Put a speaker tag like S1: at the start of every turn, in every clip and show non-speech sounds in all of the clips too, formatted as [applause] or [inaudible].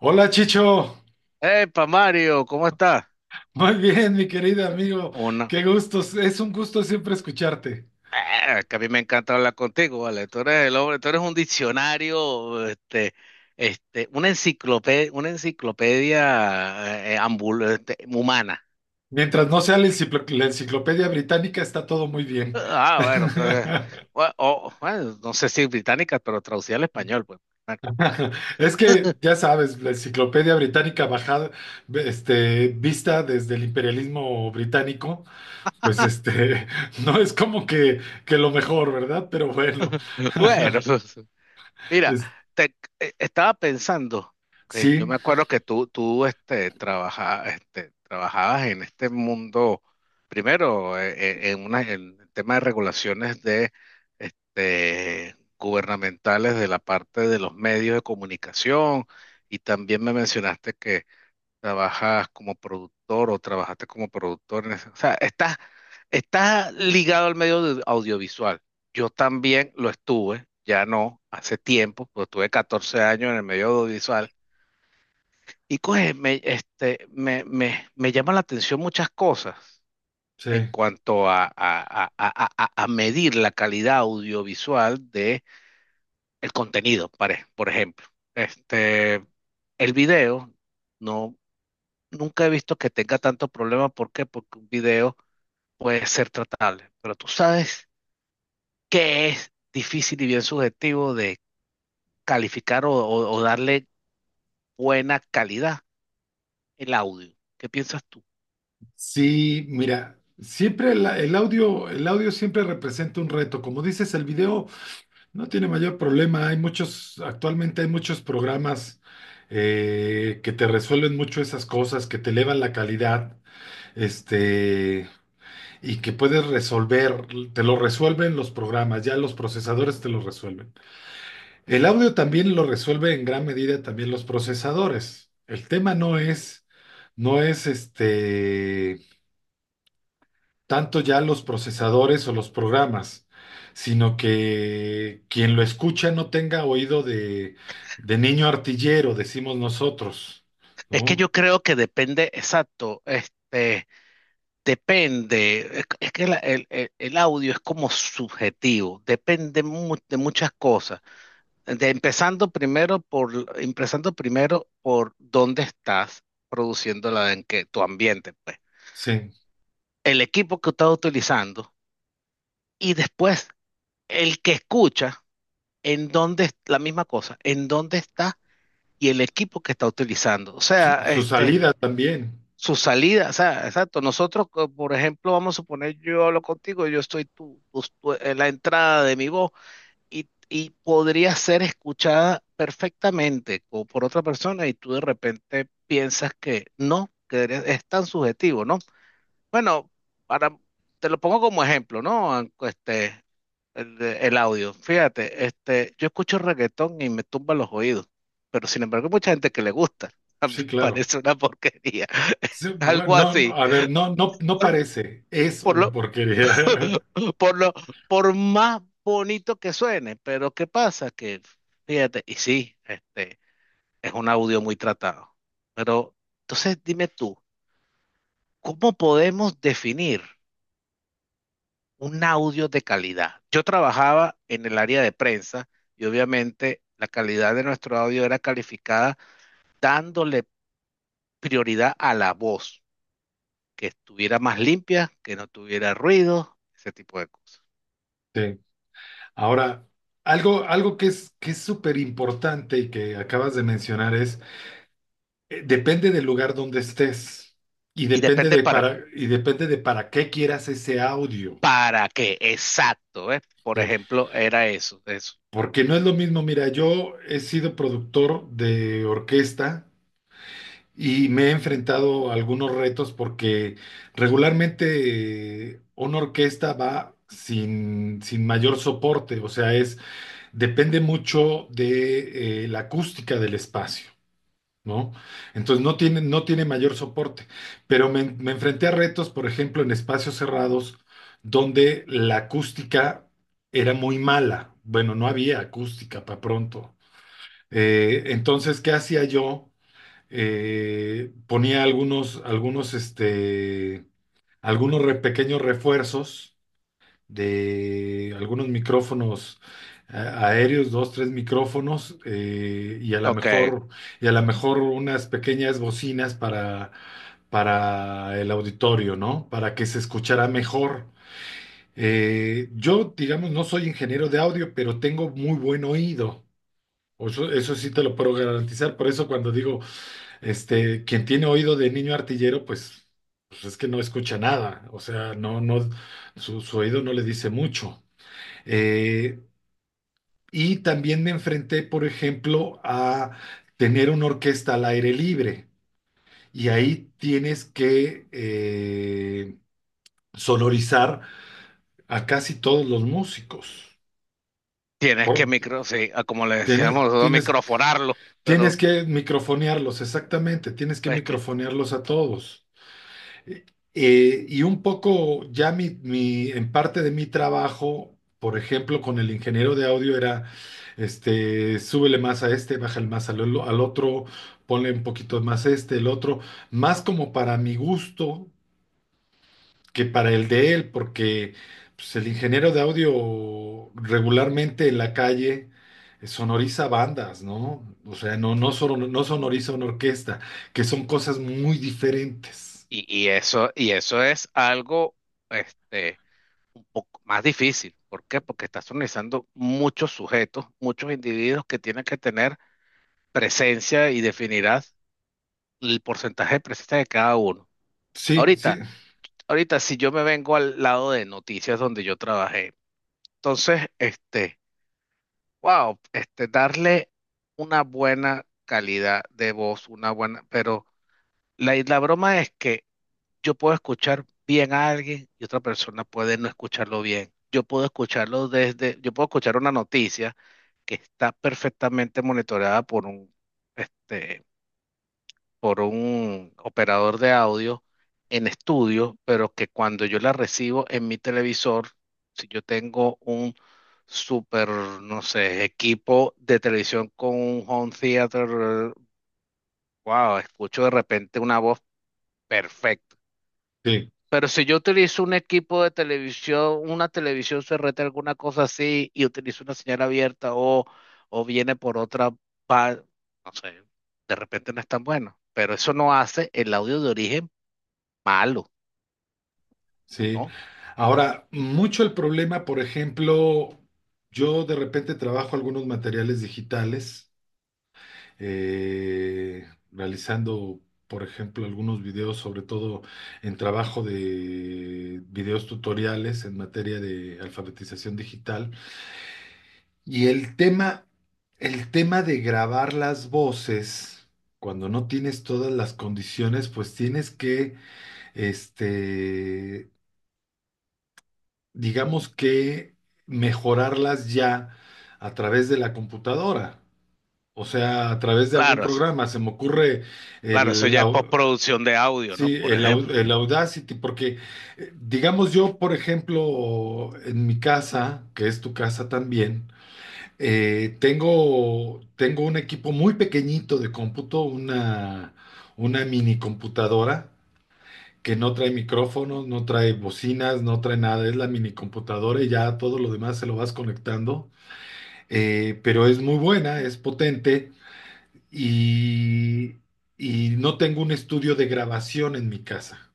S1: Hola Chicho,
S2: Epa, Mario, ¿cómo estás?
S1: muy bien mi querido amigo,
S2: Una...
S1: qué gusto, es un gusto siempre escucharte.
S2: Ah, que a mí me encanta hablar contigo, ¿vale? Tú eres el hombre, tú eres un diccionario, una enciclopedia humana.
S1: Mientras no sea la la enciclopedia británica está todo muy bien.
S2: Ah, bueno, eh,
S1: [laughs]
S2: bueno, no sé si británica, pero traducida al español, pues.
S1: Es que ya sabes, la enciclopedia británica bajada, vista desde el imperialismo británico, pues [laughs] no es como que lo mejor, ¿verdad? Pero bueno, [laughs]
S2: Bueno, [laughs] Mira,
S1: Es-
S2: te- estaba pensando que yo
S1: sí,
S2: me acuerdo que tú trabajabas en este mundo, primero en el tema de regulaciones de, este, gubernamentales de la parte de los medios de comunicación y también me mencionaste trabajas como productor o trabajaste como productor. O sea, estás ligado al audiovisual. Yo también lo estuve, ya no, hace tiempo, pues tuve 14 años en el medio audiovisual. Y pues me, este, me llama la atención muchas cosas en
S1: sí.
S2: cuanto a medir la calidad audiovisual de el contenido, por ejemplo. Este, el video. No, nunca he visto que tenga tanto problema. ¿Por qué? Porque un video puede ser tratable. Pero tú sabes que es difícil y bien subjetivo de calificar o darle buena calidad el audio. ¿Qué piensas tú?
S1: Sí, mira, siempre el audio siempre representa un reto. Como dices, el video no tiene mayor problema. Hay muchos, actualmente hay muchos programas que te resuelven mucho esas cosas, que te elevan la calidad, este, y que puedes resolver, te lo resuelven los programas, ya los procesadores te lo resuelven. El audio también lo resuelve en gran medida también los procesadores. El tema no es, no es este. Tanto ya los procesadores o los programas, sino que quien lo escucha no tenga oído de niño artillero, decimos nosotros,
S2: Es que
S1: ¿no?
S2: yo creo que depende, exacto, este, depende. Es que el audio es como subjetivo, depende de muchas cosas. De empezando empezando primero por dónde estás produciendo tu ambiente, pues,
S1: Sí,
S2: el equipo que estás utilizando y después el que escucha en dónde, la misma cosa, en dónde está y el equipo que está utilizando. O sea,
S1: su
S2: este,
S1: salida también,
S2: su salida, o sea, exacto. Por ejemplo, vamos a suponer, yo hablo contigo, yo estoy en la entrada de mi voz y podría ser escuchada perfectamente por otra persona y tú de repente piensas que no, que es tan subjetivo, ¿no? Bueno, para, te lo pongo como ejemplo, ¿no? Este, el audio. Fíjate, este, yo escucho reggaetón y me tumba los oídos, pero sin embargo hay mucha gente que le gusta.
S1: sí,
S2: [laughs]
S1: claro.
S2: Parece una porquería,
S1: Sí,
S2: [laughs] algo
S1: bueno, no,
S2: así.
S1: a ver, no, no
S2: Por,
S1: parece, es
S2: por
S1: una
S2: lo,
S1: porquería. [laughs]
S2: por lo, por más bonito que suene, pero ¿qué pasa? Que, fíjate, y sí, este, es un audio muy tratado. Pero, entonces dime tú, ¿cómo podemos definir un audio de calidad? Yo trabajaba en el área de prensa y obviamente la calidad de nuestro audio era calificada dándole prioridad a la voz, que estuviera más limpia, que no tuviera ruido, ese tipo de cosas.
S1: Sí. Ahora, algo que que es súper importante y que acabas de mencionar es. Depende del lugar donde estés y
S2: Y
S1: depende
S2: depende
S1: de
S2: para
S1: para qué quieras ese audio.
S2: ¿Para qué? Exacto, ¿ves? Por
S1: ¿Sí?
S2: ejemplo, era eso, eso.
S1: Porque no es lo mismo, mira, yo he sido productor de orquesta y me he enfrentado a algunos retos porque regularmente una orquesta va sin mayor soporte, o sea, es, depende mucho de la acústica del espacio. ¿No? Entonces no tiene, no tiene mayor soporte. Pero me enfrenté a retos, por ejemplo, en espacios cerrados, donde la acústica era muy mala. Bueno, no había acústica para pronto. Entonces, ¿qué hacía yo? Ponía algunos pequeños refuerzos de algunos micrófonos aéreos, dos, tres micrófonos,
S2: Ok,
S1: y a lo mejor unas pequeñas bocinas para el auditorio, ¿no? Para que se escuchara mejor. Yo, digamos, no soy ingeniero de audio, pero tengo muy buen oído. O eso sí te lo puedo garantizar. Por eso cuando digo, quien tiene oído de niño artillero, pues, pues es que no escucha nada. O sea, no, no, su oído no le dice mucho. Eh, y también me enfrenté, por ejemplo, a tener una orquesta al aire libre. Y ahí tienes que sonorizar a casi todos los músicos.
S2: tienes que
S1: Por-
S2: micro, sí, ah, como le
S1: tienes,
S2: decíamos nosotros,
S1: tienes,
S2: microfonarlo,
S1: tienes
S2: pero
S1: que microfonearlos, exactamente. Tienes que
S2: es que,
S1: microfonearlos a todos. Y un poco ya en parte de mi trabajo, por ejemplo, con el ingeniero de audio era, súbele más a este, bájale más al otro, ponle un poquito más el otro, más como para mi gusto que para el de él, porque pues, el ingeniero de audio regularmente en la calle sonoriza bandas, ¿no? O sea, no, no sonoriza una orquesta, que son cosas muy diferentes.
S2: y eso, y eso es este, un poco más difícil. ¿Por qué? Porque estás organizando muchos sujetos, muchos individuos que tienen que tener presencia y definirás el porcentaje de presencia de cada uno.
S1: Sí, sí,
S2: Ahorita, Ahorita, si yo me vengo al lado de noticias donde yo trabajé, entonces, este Wow, este, darle una buena calidad de voz, una buena, pero la broma es que yo puedo escuchar bien a alguien y otra persona puede no escucharlo bien. Yo puedo yo puedo escuchar una noticia que está perfectamente monitoreada por este, por un operador de audio en estudio, pero que cuando yo la recibo en mi televisor, si yo tengo un super, no sé, equipo de televisión con un home theater, wow, escucho de repente una voz perfecta.
S1: sí.
S2: Pero si yo utilizo un equipo de televisión, una televisión CRT, alguna cosa así, y utilizo una señal abierta o viene por otra, pa- no sé, de repente no es tan bueno. Pero eso no hace el audio de origen malo,
S1: Sí.
S2: ¿no?
S1: Ahora, mucho el problema, por ejemplo, yo de repente trabajo algunos materiales digitales, realizando, por ejemplo, algunos videos, sobre todo en trabajo de videos tutoriales en materia de alfabetización digital. Y el tema de grabar las voces. Cuando no tienes todas las condiciones, pues tienes que, este, digamos que mejorarlas ya a través de la computadora, o sea, a través de algún
S2: Claro, eso-
S1: programa. Se me ocurre
S2: claro, eso
S1: el,
S2: ya es
S1: au-
S2: postproducción de audio, ¿no?
S1: sí,
S2: Por
S1: el, au-
S2: ejemplo,
S1: el Audacity, porque digamos yo, por ejemplo, en mi casa, que es tu casa también, tengo un equipo muy pequeñito de cómputo, una mini computadora que no trae micrófonos, no trae bocinas, no trae nada, es la mini computadora y ya todo lo demás se lo vas conectando. Pero es muy buena, es potente y, y no tengo un estudio de grabación en mi casa.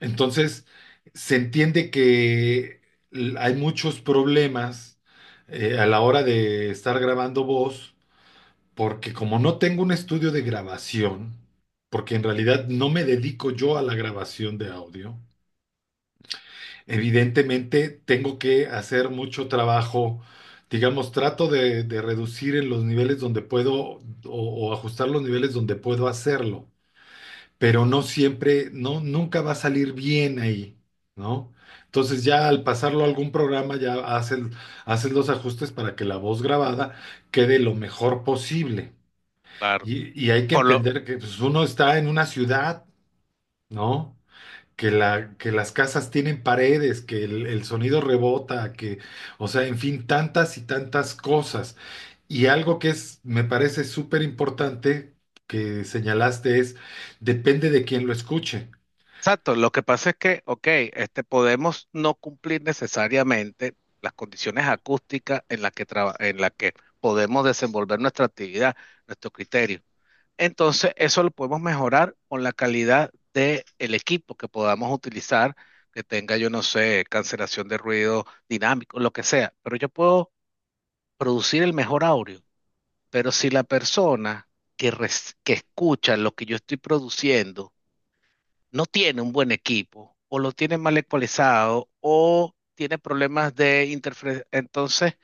S1: Entonces, se entiende que hay muchos problemas a la hora de estar grabando voz, porque como no tengo un estudio de grabación, porque en realidad no me dedico yo a la grabación de audio, evidentemente, tengo que hacer mucho trabajo, digamos, trato de reducir en los niveles donde puedo o ajustar los niveles donde puedo hacerlo, pero no siempre, no, nunca va a salir bien ahí, ¿no? Entonces ya al pasarlo a algún programa ya haces los ajustes para que la voz grabada quede lo mejor posible.
S2: claro.
S1: Y hay que
S2: Por lo,
S1: entender que pues, uno está en una ciudad, ¿no? Que, la, que las casas tienen paredes, que el sonido rebota, que, o sea, en fin, tantas y tantas cosas. Y algo que es, me parece súper importante que señalaste es, depende de quién lo escuche.
S2: exacto, lo que pasa es que, ok, este, podemos no cumplir necesariamente las condiciones acústicas en las en la que podemos desenvolver nuestra actividad, nuestro criterio. Entonces, eso lo podemos mejorar con la calidad del equipo que podamos utilizar, que tenga, yo no sé, cancelación de ruido dinámico, lo que sea, pero yo puedo producir el mejor audio Pero si la persona que escucha lo que yo estoy produciendo no tiene un buen equipo, o lo tiene mal ecualizado, o tiene problemas de interferencia, entonces,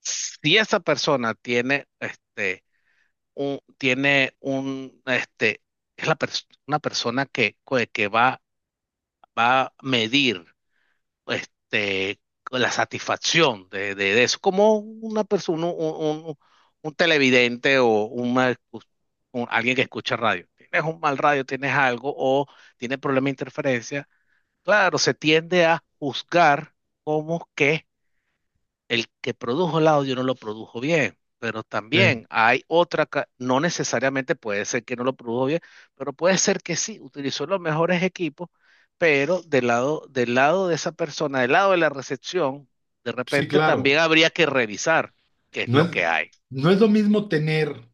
S2: si esa persona tiene un, este, una persona que va a medir este, la satisfacción de eso, como una persona, un- un televidente o una alguien que escucha radio. Tienes un mal radio, tienes algo o tienes problema de interferencia. Claro, se tiende a juzgar como que el que produjo el audio no lo produjo bien, pero
S1: Sí,
S2: también hay no necesariamente puede ser que no lo produjo bien, pero puede ser que sí, utilizó los mejores equipos, pero del lado de esa persona, del lado de la recepción, de
S1: sí,
S2: repente
S1: claro.
S2: también habría que revisar qué es
S1: No
S2: lo que hay.
S1: no es lo mismo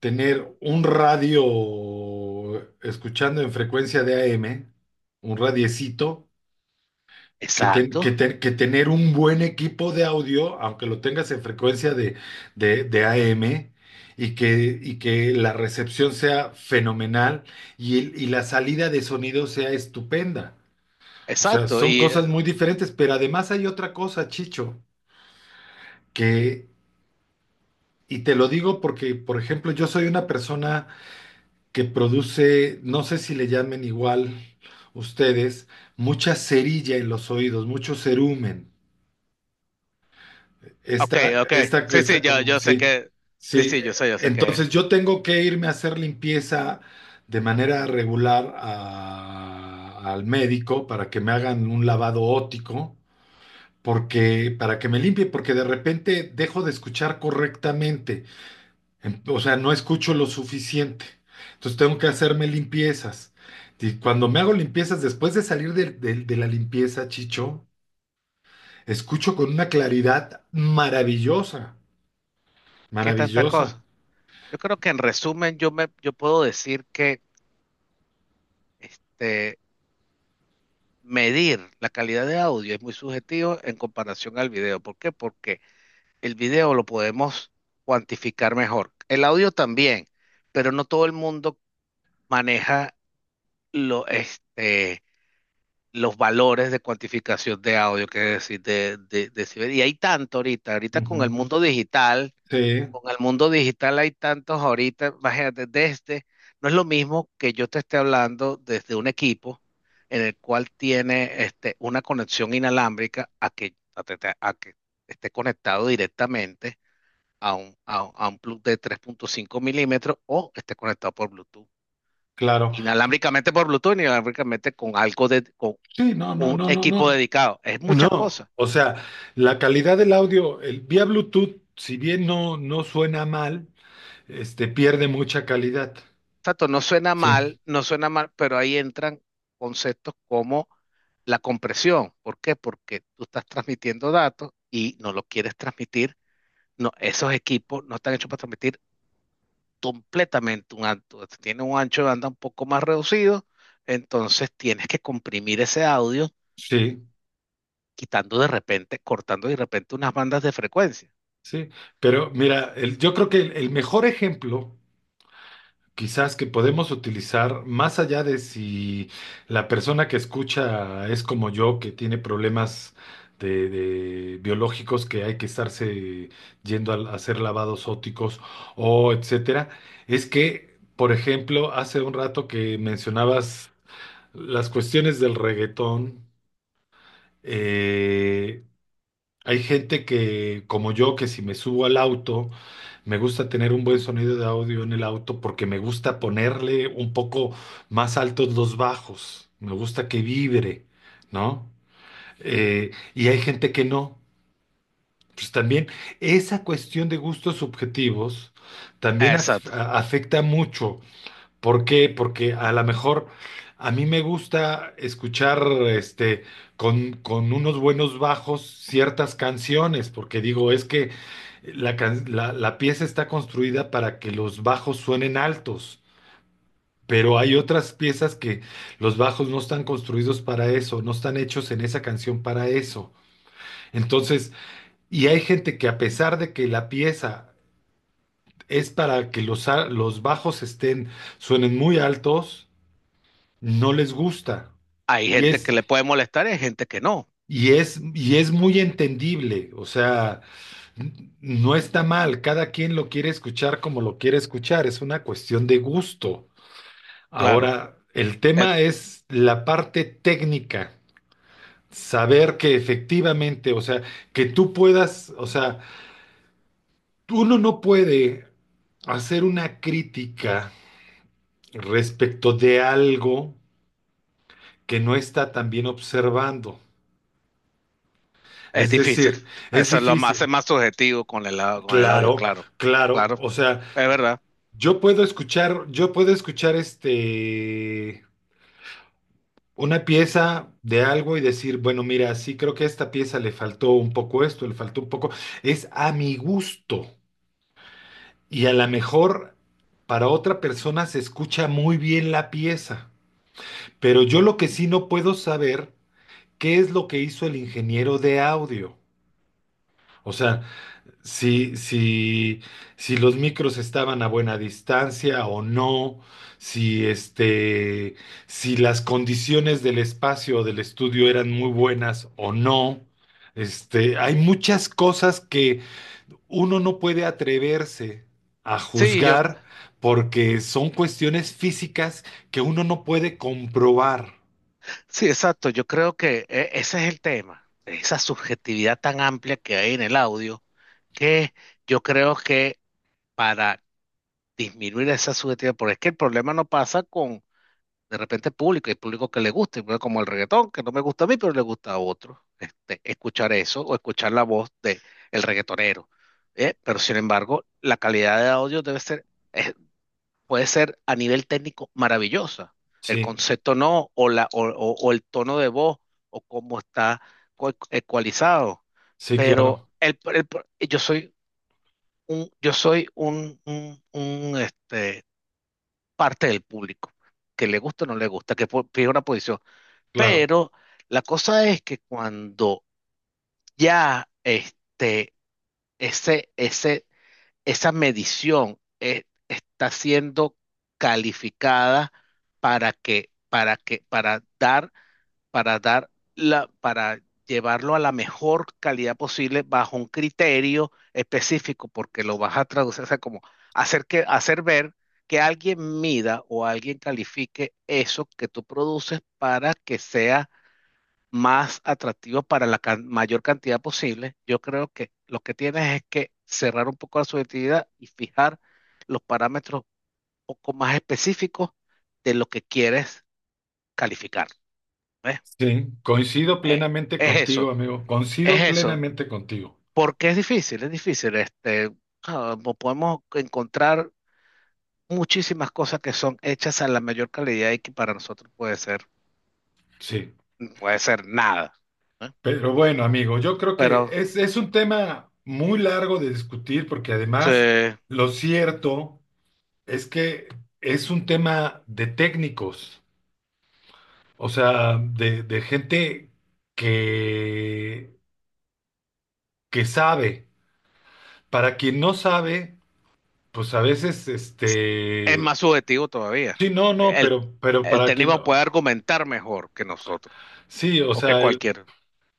S1: tener un radio escuchando en frecuencia de a m un radiecito, que,
S2: Exacto,
S1: que tener un buen equipo de audio, aunque lo tengas en frecuencia de AM, y que la recepción sea fenomenal y la salida de sonido sea estupenda. O sea,
S2: exacto.
S1: son
S2: Y,
S1: cosas muy diferentes, pero además hay otra cosa, Chicho, que, y te lo digo porque, por ejemplo, yo soy una persona que produce, no sé si le llamen igual ustedes, mucha cerilla en los oídos, mucho cerumen.
S2: ok,
S1: Esta,
S2: ok,
S1: esta,
S2: sí, sí,
S1: esta como,
S2: yo sé
S1: sí,
S2: que, sí,
S1: sí.
S2: sí, yo sé que es
S1: Entonces
S2: eso.
S1: yo tengo que irme a hacer limpieza de manera regular al médico para que me hagan un lavado óptico, porque, para que me limpie, porque de repente dejo de escuchar correctamente. O sea, no escucho lo suficiente. Entonces tengo que hacerme limpiezas. Y cuando me hago limpiezas, después de salir de de la limpieza, Chicho, escucho con una claridad maravillosa.
S2: ¿Qué tantas
S1: Maravillosa.
S2: cosas? Yo creo que en resumen yo puedo decir que, este, medir la calidad de audio es muy subjetivo en comparación al video. ¿Por qué? Porque el video lo podemos cuantificar mejor. El audio también, pero no todo el mundo maneja lo, este, los valores de cuantificación de audio, que es decir, de decibel. Y hay tanto ahorita, ahorita con
S1: Ujú.
S2: el mundo digital
S1: Sí,
S2: con el mundo digital hay tantos ahorita, imagínate, desde, no es lo mismo que yo te esté hablando desde un equipo en el cual tiene este, una conexión inalámbrica a que, a que esté conectado directamente a un plug de 3,5 mm o esté conectado por Bluetooth.
S1: claro.
S2: Inalámbricamente por Bluetooth, inalámbricamente con algo de, con
S1: Sí, no, no,
S2: un
S1: no, no,
S2: equipo
S1: no.
S2: dedicado. Es muchas
S1: No,
S2: cosas.
S1: o sea, la calidad del audio, vía Bluetooth, si bien no, no suena mal, pierde mucha calidad.
S2: Exacto, no suena
S1: Sí,
S2: mal, no suena mal, pero ahí entran conceptos como la compresión. ¿Por qué? Porque tú estás transmitiendo datos y no lo quieres transmitir. No, esos equipos no están hechos para transmitir completamente un alto. Tiene un ancho de banda un poco más reducido, entonces tienes que comprimir ese audio,
S1: sí,
S2: quitando de repente, cortando de repente unas bandas de frecuencia.
S1: sí. Pero mira, yo creo que el mejor ejemplo quizás que podemos utilizar más allá de si la persona que escucha es como yo, que tiene problemas de biológicos que hay que estarse yendo a hacer lavados ópticos o etcétera, es que, por ejemplo, hace un rato que mencionabas las cuestiones del reggaetón, eh, hay gente que, como yo, que si me subo al auto, me gusta tener un buen sonido de audio en el auto porque me gusta ponerle un poco más altos los bajos. Me gusta que vibre, ¿no? Y hay gente que no. Pues también esa cuestión de gustos subjetivos también
S2: Exacto.
S1: afecta mucho. ¿Por qué? Porque a lo mejor a mí me gusta escuchar este con unos buenos bajos ciertas canciones, porque digo, es que la pieza está construida para que los bajos suenen altos, pero hay otras piezas que los bajos no están construidos para eso, no están hechos en esa canción para eso. Entonces, y hay gente que a pesar de que la pieza es para que los bajos suenen muy altos, no les gusta.
S2: Hay
S1: Y
S2: gente que
S1: es,
S2: le puede molestar y hay gente que no,
S1: y es muy entendible, o sea, no está mal, cada quien lo quiere escuchar como lo quiere escuchar, es una cuestión de gusto.
S2: claro.
S1: Ahora, el
S2: El
S1: tema es la parte técnica, saber que efectivamente, o sea, que tú puedas, o sea, uno no puede hacer una crítica respecto de algo que no está tan bien observando.
S2: Es
S1: Es
S2: difícil.
S1: decir, es
S2: Eso es lo más, hace
S1: difícil.
S2: más subjetivo con el, con el audio,
S1: Claro,
S2: claro.
S1: claro.
S2: Claro,
S1: O sea,
S2: es verdad.
S1: yo puedo escuchar este una pieza de algo y decir, bueno, mira, sí creo que a esta pieza le faltó un poco esto, le faltó un poco. Es a mi gusto. Y a lo mejor para otra persona se escucha muy bien la pieza. Pero yo lo que sí no puedo saber, ¿qué es lo que hizo el ingeniero de audio? O sea, si, si, si los micros estaban a buena distancia o no, si si las condiciones del espacio o del estudio eran muy buenas o no. Hay muchas cosas que uno no puede atreverse a
S2: Sí, yo,
S1: juzgar porque son cuestiones físicas que uno no puede comprobar.
S2: sí, exacto. Yo creo que ese es el tema. Esa subjetividad tan amplia que hay en el audio, que yo creo que para disminuir esa subjetividad, porque es que el problema no pasa con, de repente, el público, hay público que le gusta, pero como el reggaetón, que no me gusta a mí, pero le gusta a otro. Este, escuchar eso o escuchar la voz de el reggaetonero. Pero sin embargo, la calidad de audio debe ser puede ser a nivel técnico maravillosa. El
S1: Sí,
S2: concepto no, o el tono de voz, o cómo está ecualizado.
S1: sí,
S2: Pero
S1: claro,
S2: yo soy un, yo soy parte del público, que le gusta o no le gusta, que pide una posición.
S1: claro.
S2: Pero la cosa es que cuando ya este, ese esa medición está siendo calificada para dar, para llevarlo a la mejor calidad posible bajo un criterio específico, porque lo vas a traducir, o sea, como hacer que, hacer ver que alguien mida o alguien califique eso que tú produces para que sea más atractivo para la mayor cantidad posible, yo creo que lo que tienes es que cerrar un poco la subjetividad y fijar los parámetros un poco más específicos de lo que quieres calificar. ¿Ves?
S1: Sí, coincido
S2: Eh,
S1: plenamente
S2: Es
S1: contigo,
S2: eso,
S1: amigo.
S2: es
S1: Coincido
S2: eso.
S1: plenamente contigo.
S2: Porque es difícil, es difícil. Podemos encontrar muchísimas cosas que son hechas a la mayor calidad y que para nosotros
S1: Sí,
S2: puede ser nada. ¿Eh?
S1: pero bueno, amigo, yo creo que
S2: Pero
S1: es un tema muy largo de discutir porque
S2: sí.
S1: además lo cierto es que es un tema de técnicos, o sea, de gente que, que sabe. Para quien no sabe, pues a veces,
S2: Es más subjetivo todavía.
S1: sí, no, no,
S2: El,
S1: pero
S2: el
S1: para quien
S2: técnico
S1: no,
S2: puede argumentar mejor que nosotros
S1: sí, o
S2: o que
S1: sea,
S2: cualquiera.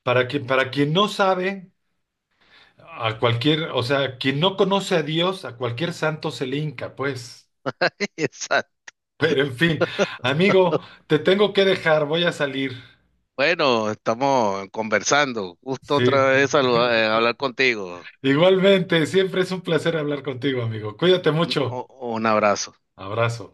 S1: para para quien no sabe. A cualquier, o sea, quien no conoce a Dios, a cualquier santo se le hinca, pues.
S2: [laughs] Exacto.
S1: Pero en fin, amigo, te tengo que dejar, voy a salir.
S2: Bueno, estamos conversando. Gusto
S1: Sí.
S2: otra vez
S1: [laughs]
S2: hablar contigo.
S1: Igualmente, siempre es un placer hablar contigo, amigo. Cuídate
S2: Un,
S1: mucho.
S2: o- un abrazo.
S1: Abrazo.